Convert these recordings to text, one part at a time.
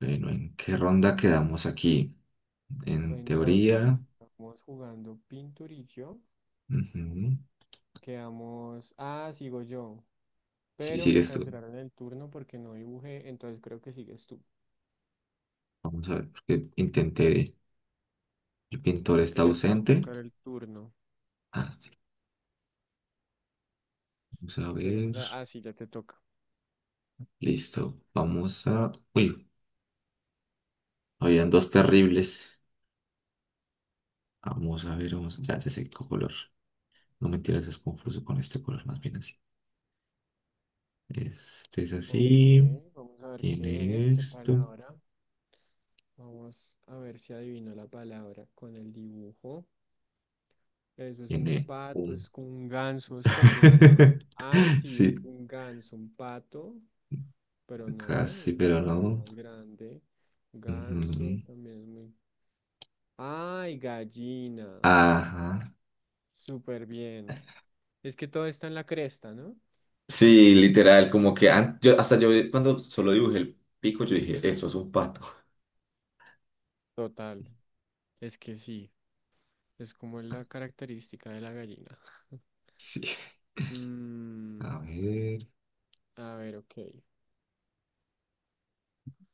Bueno, ¿en qué ronda quedamos aquí? En Entonces, teoría. estamos jugando Pinturillo. Ujú. Quedamos. Ah, sigo yo. Si Pero me sigues tú. cancelaron el turno porque no dibujé. Entonces creo que sigues tú. Vamos a ver, porque intenté. El pintor Creo está que ya te va a ausente. tocar el turno. Ah, sí, vamos a ver. Esperemos a. Ah, sí, ya te toca. Listo. Vamos a. Uy, habían dos terribles. Vamos a ver, vamos. Ya, ya sé qué color. No mentiras, es confuso con este color, más bien así. Este es Ok, así. vamos a ver qué es, Tiene qué esto. palabra. Vamos a ver si adivino la palabra con el dibujo. Eso es un Tiene pato, un. es como un ganso, eso parece un animal. Ah, sí, Sí, un ganso, un pato. Pero no, casi, es una pero palabra no. más grande. Ujú. Ganso también es muy... ¡Ay, gallina! Ajá. Súper bien. Es que todo está en la cresta, ¿no? Sí, literal, como que yo, hasta yo cuando solo dibujé el pico, yo dije, esto es un pato. Total. Es que sí. Es como la característica de la gallina. Sí. Mm, A ver, a ver, ok.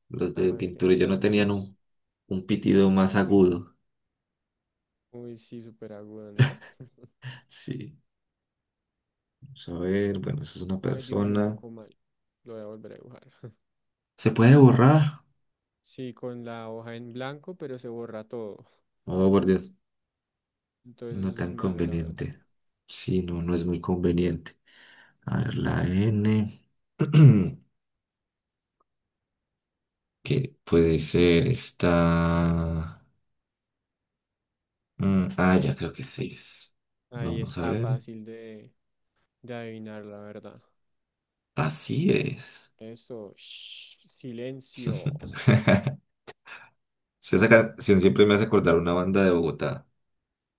los de A ver, pintura yo no tenían entonces. un pitido más agudo. Uy, sí, súper agudo, ¿no? Sí, vamos a ver, bueno, eso es una Ay, dibujé un persona. poco mal. Lo voy a volver a dibujar. ¿Se puede borrar? Sí, con la hoja en blanco, pero se borra todo. Oh, por Dios, Entonces no eso es tan malo, la verdad. conveniente. Sí, no, no es muy conveniente. A ver, la N, que puede ser esta. Ah, ya creo que seis. Ahí Vamos a está ver. fácil de adivinar la verdad. Así es. Eso, shh, silencio. Sí, esa canción siempre me hace acordar una banda de Bogotá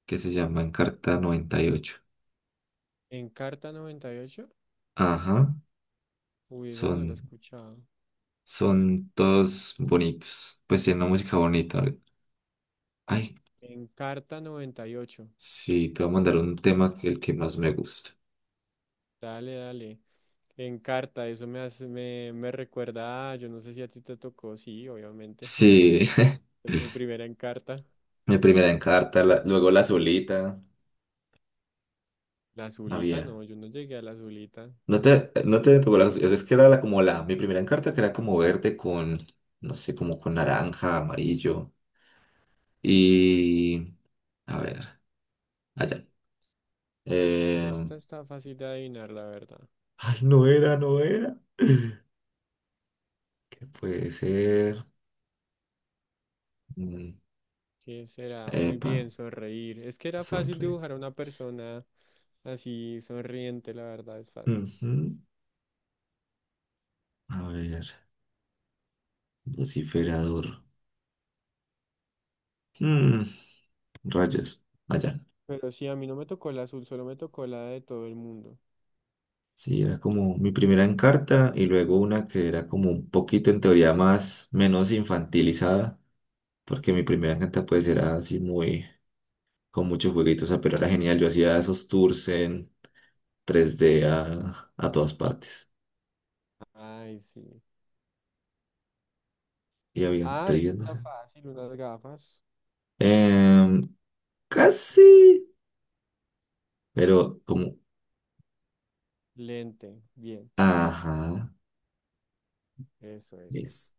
que se llama Encarta 98. En carta 98, Ajá, uy, esa no la he son, escuchado. son todos bonitos. Pues tienen una música bonita. A ver. Ay, En carta 98, sí, te voy a mandar un tema que el que más me gusta. dale, dale. En carta, eso me hace, me recuerda, a- yo no sé si a ti te tocó, sí, obviamente. Sí, Mi primera encarta, mi primera Encarta, luego la solita. la azulita, Había. no, yo no llegué a la azulita. No te pegó la, es que era la, como la, mi primera encarta que era como verde con, no sé, como con naranja, amarillo y, a ver, allá. Eh, Esta está fácil de adivinar, la verdad. ay, no era, no era. ¿Qué puede ser? Mm, ¿Qué será? Muy epa, bien, sonreír. Es que era fácil sonre. dibujar a una persona así sonriente, la verdad, es fácil. Ujú. A ver, vociferador. Mm, rayos, allá. Pero sí, a mí no me tocó la azul, solo me tocó la de todo el mundo. Sí, era como mi primera encarta y luego una que era como un poquito en teoría más, menos infantilizada. Porque mi primera canta pues era así muy, con muchos jueguitos, o sea, pero era genial. Yo hacía esos tours en 3D a todas partes. Ay, sí. Y había Ah, eso trillas, no está sé. fácil, unas gafas. Em, casi, pero como, Lente, bien, ajá, eso, eso. es,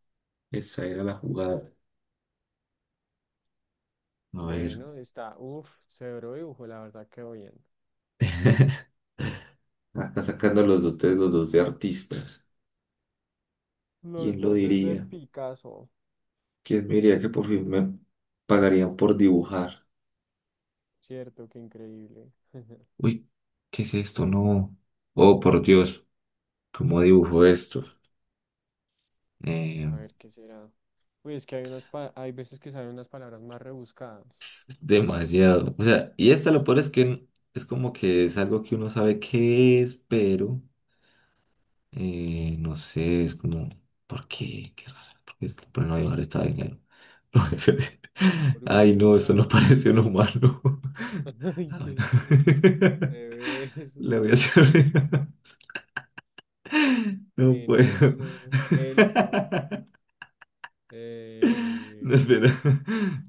esa era la jugada. A ver, Bueno, está, uff, severo dibujo, la verdad, quedó bien. acá sacando los dos de artistas. Los ¿Quién lo dotes de diría? Picasso, ¿Quién me diría que por fin me pagarían por dibujar? cierto, qué increíble. Uy, ¿qué es esto? No. Oh, por Dios, ¿cómo dibujo esto? A Em, ver, ¿qué será? Uy, es que hay unas, pa- hay veces que salen unas palabras más rebuscadas. Demasiado. O sea, y esta lo peor es que es como que es algo que uno sabe qué es, pero no sé, es como, ¿por qué? Qué raro, ¿por qué es que le ponen llevar esta vaina? No. Ay, no, Oruga, eso no parece un humano. ay, Ah, bueno. ¿qué es eso? Bebés, Le voy a hacer. No puedo. enano, elfo. eh, No, espera.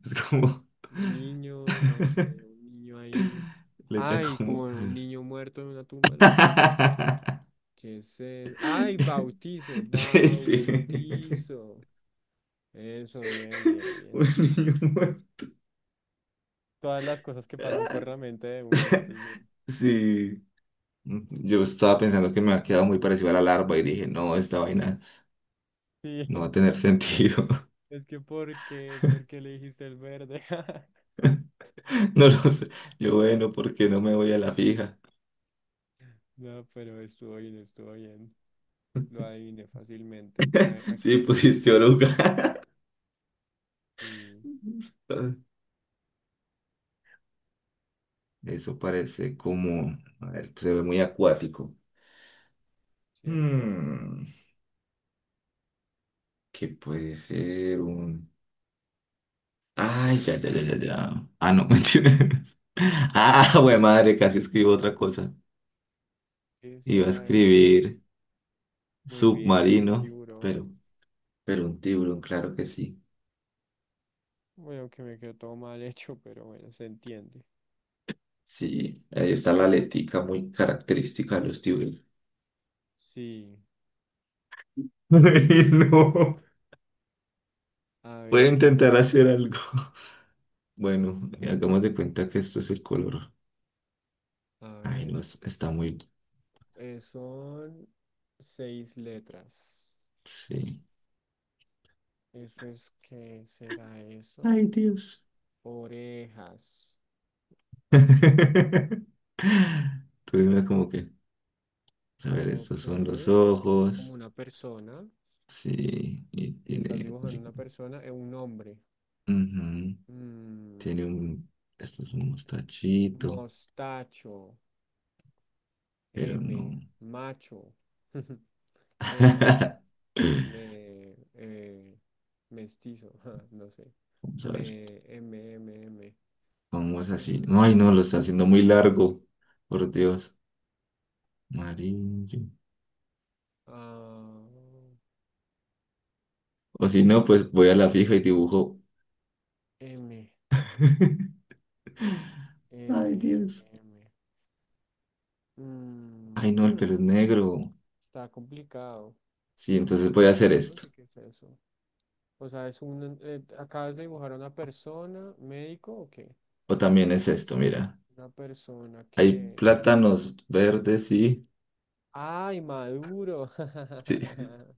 Es como. Niño, no sé, un niño ahí. Le echan Ay, como como. un niño muerto en una tumba, no sé. ¿Qué es eso? Ay, bautizo, Sí, sí. bautizo. Eso, bien, bien, bien. Un niño muerto. Todas las cosas que pasan por la mente de uno antes de... Sí. Yo estaba pensando que me ha quedado muy parecido a la larva y dije, no, esta vaina Sí, no va a tener sentido. es que ¿por qué? ¿Por qué le dijiste el verde? No lo sé. Bueno, ¿por qué no me voy a la fija? No, pero estuvo bien, estuvo bien. Lo adiviné fácilmente. Ah, aquí Sí, era, aquí. pusiste oruga. Sí, Eso parece como, a ver, se ve muy acuático. ¿cierto? Hmm, ¿Qué puede ser un? ¿Qué Ay, ya, será? ya, ya, ya, ya. Ah, no, mentiras. Ah, güey, madre, casi escribo otra cosa. ¿Qué Iba a será esto? escribir Muy bien, un submarino, tiburón. pero, pero un tiburón, claro que sí. Bueno, que me quedó todo mal hecho, pero bueno, se entiende. Sí, ahí está la aletica muy característica de los tiburones. Sí, Ay, no. a Voy a ver, ¿qué intentar será? hacer algo. Bueno, hagamos de cuenta que esto es el color. A Ay, ver, no, está muy. Son 6 letras. Sí. ¿Eso es qué será eso? Ay, Dios. Orejas. Tuve una como que. A ver, estos Ok, son los es como ojos. una persona. Sí, y Estás tiene así dibujando una como. persona, es un hombre. Ujú. Mm, Tiene un. Esto es un mostachito, mostacho, pero no. M, macho, M. Vamos me, eh, Mestizo, ja, no sé, a ver. me, M, M, M. Vamos así. Mm, No, ay, no, lo está haciendo muy largo. Por Dios. Amarillo. ah, O si no, pues ¿qué voy a la es fija y eso? dibujo. M, M, Ay, M, Dios. M. Mm, Ay, no, el hmm, pelo es negro. está complicado, Sí, entonces voy a porque hacer yo no esto. sé qué es eso. O sea, es un, acabas de dibujar a una persona, ¿médico o qué? O también es esto, mira. Una persona Hay que... plátanos verdes, sí. ¡Ay, maduro! Sí.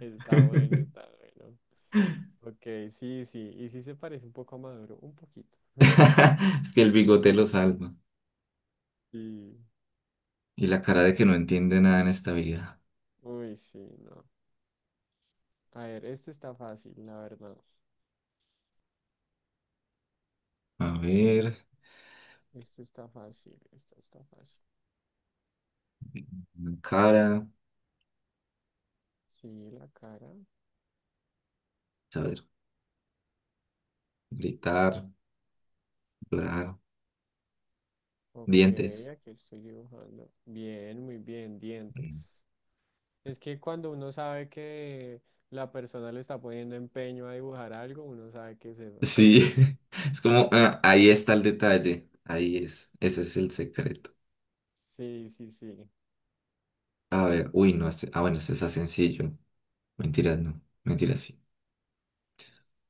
Está bueno, está bueno. Ok, sí, sí, y sí se parece un poco a Maduro, un poquito. Es que el bigote lo salva. Sí, Y la cara de que no entiende nada en esta vida. uy, sí, no. A ver, este está fácil, la verdad. A ver, Este está fácil, esta está fácil. cara, Sí, la cara. a ver, gritar, llorar. Ok, Dientes. aquí estoy dibujando. Bien, muy bien, dientes. Es que cuando uno sabe que la persona le está poniendo empeño a dibujar algo, uno sabe qué es eso. Sí, es como, ah, ahí está el detalle, ahí es, ese es el secreto. Sí, sí, sí. A ver, uy, no, ah, bueno, este está sencillo. Mentiras, no, mentiras, sí.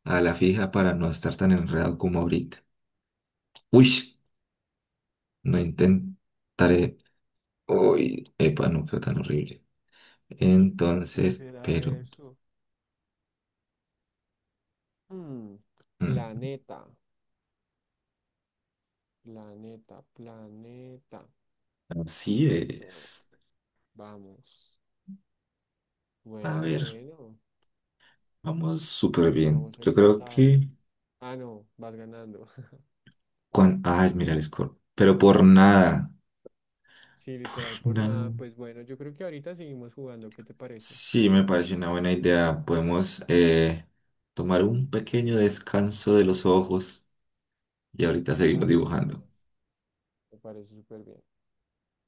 A la fija para no estar tan enredado como ahorita. Uy, no intentaré. Uy, epa, no quedó tan horrible. ¿Qué Entonces, será pero, eso? Mm, mm, planeta. Planeta, planeta. así Eso, es. vamos. A Bueno, ver, bueno, vamos súper bien. vamos Yo creo empatados. que, Ah, no, vas ganando. Ay, mira el score, pero por nada, Sí, por literal, por nada. nada. Pues bueno, yo creo que ahorita seguimos jugando. ¿Qué te parece? Sí, me parece una buena idea. Podemos tomar un pequeño descanso de los ojos y ahorita seguimos Dale, me dibujando. parece. Me parece súper bien.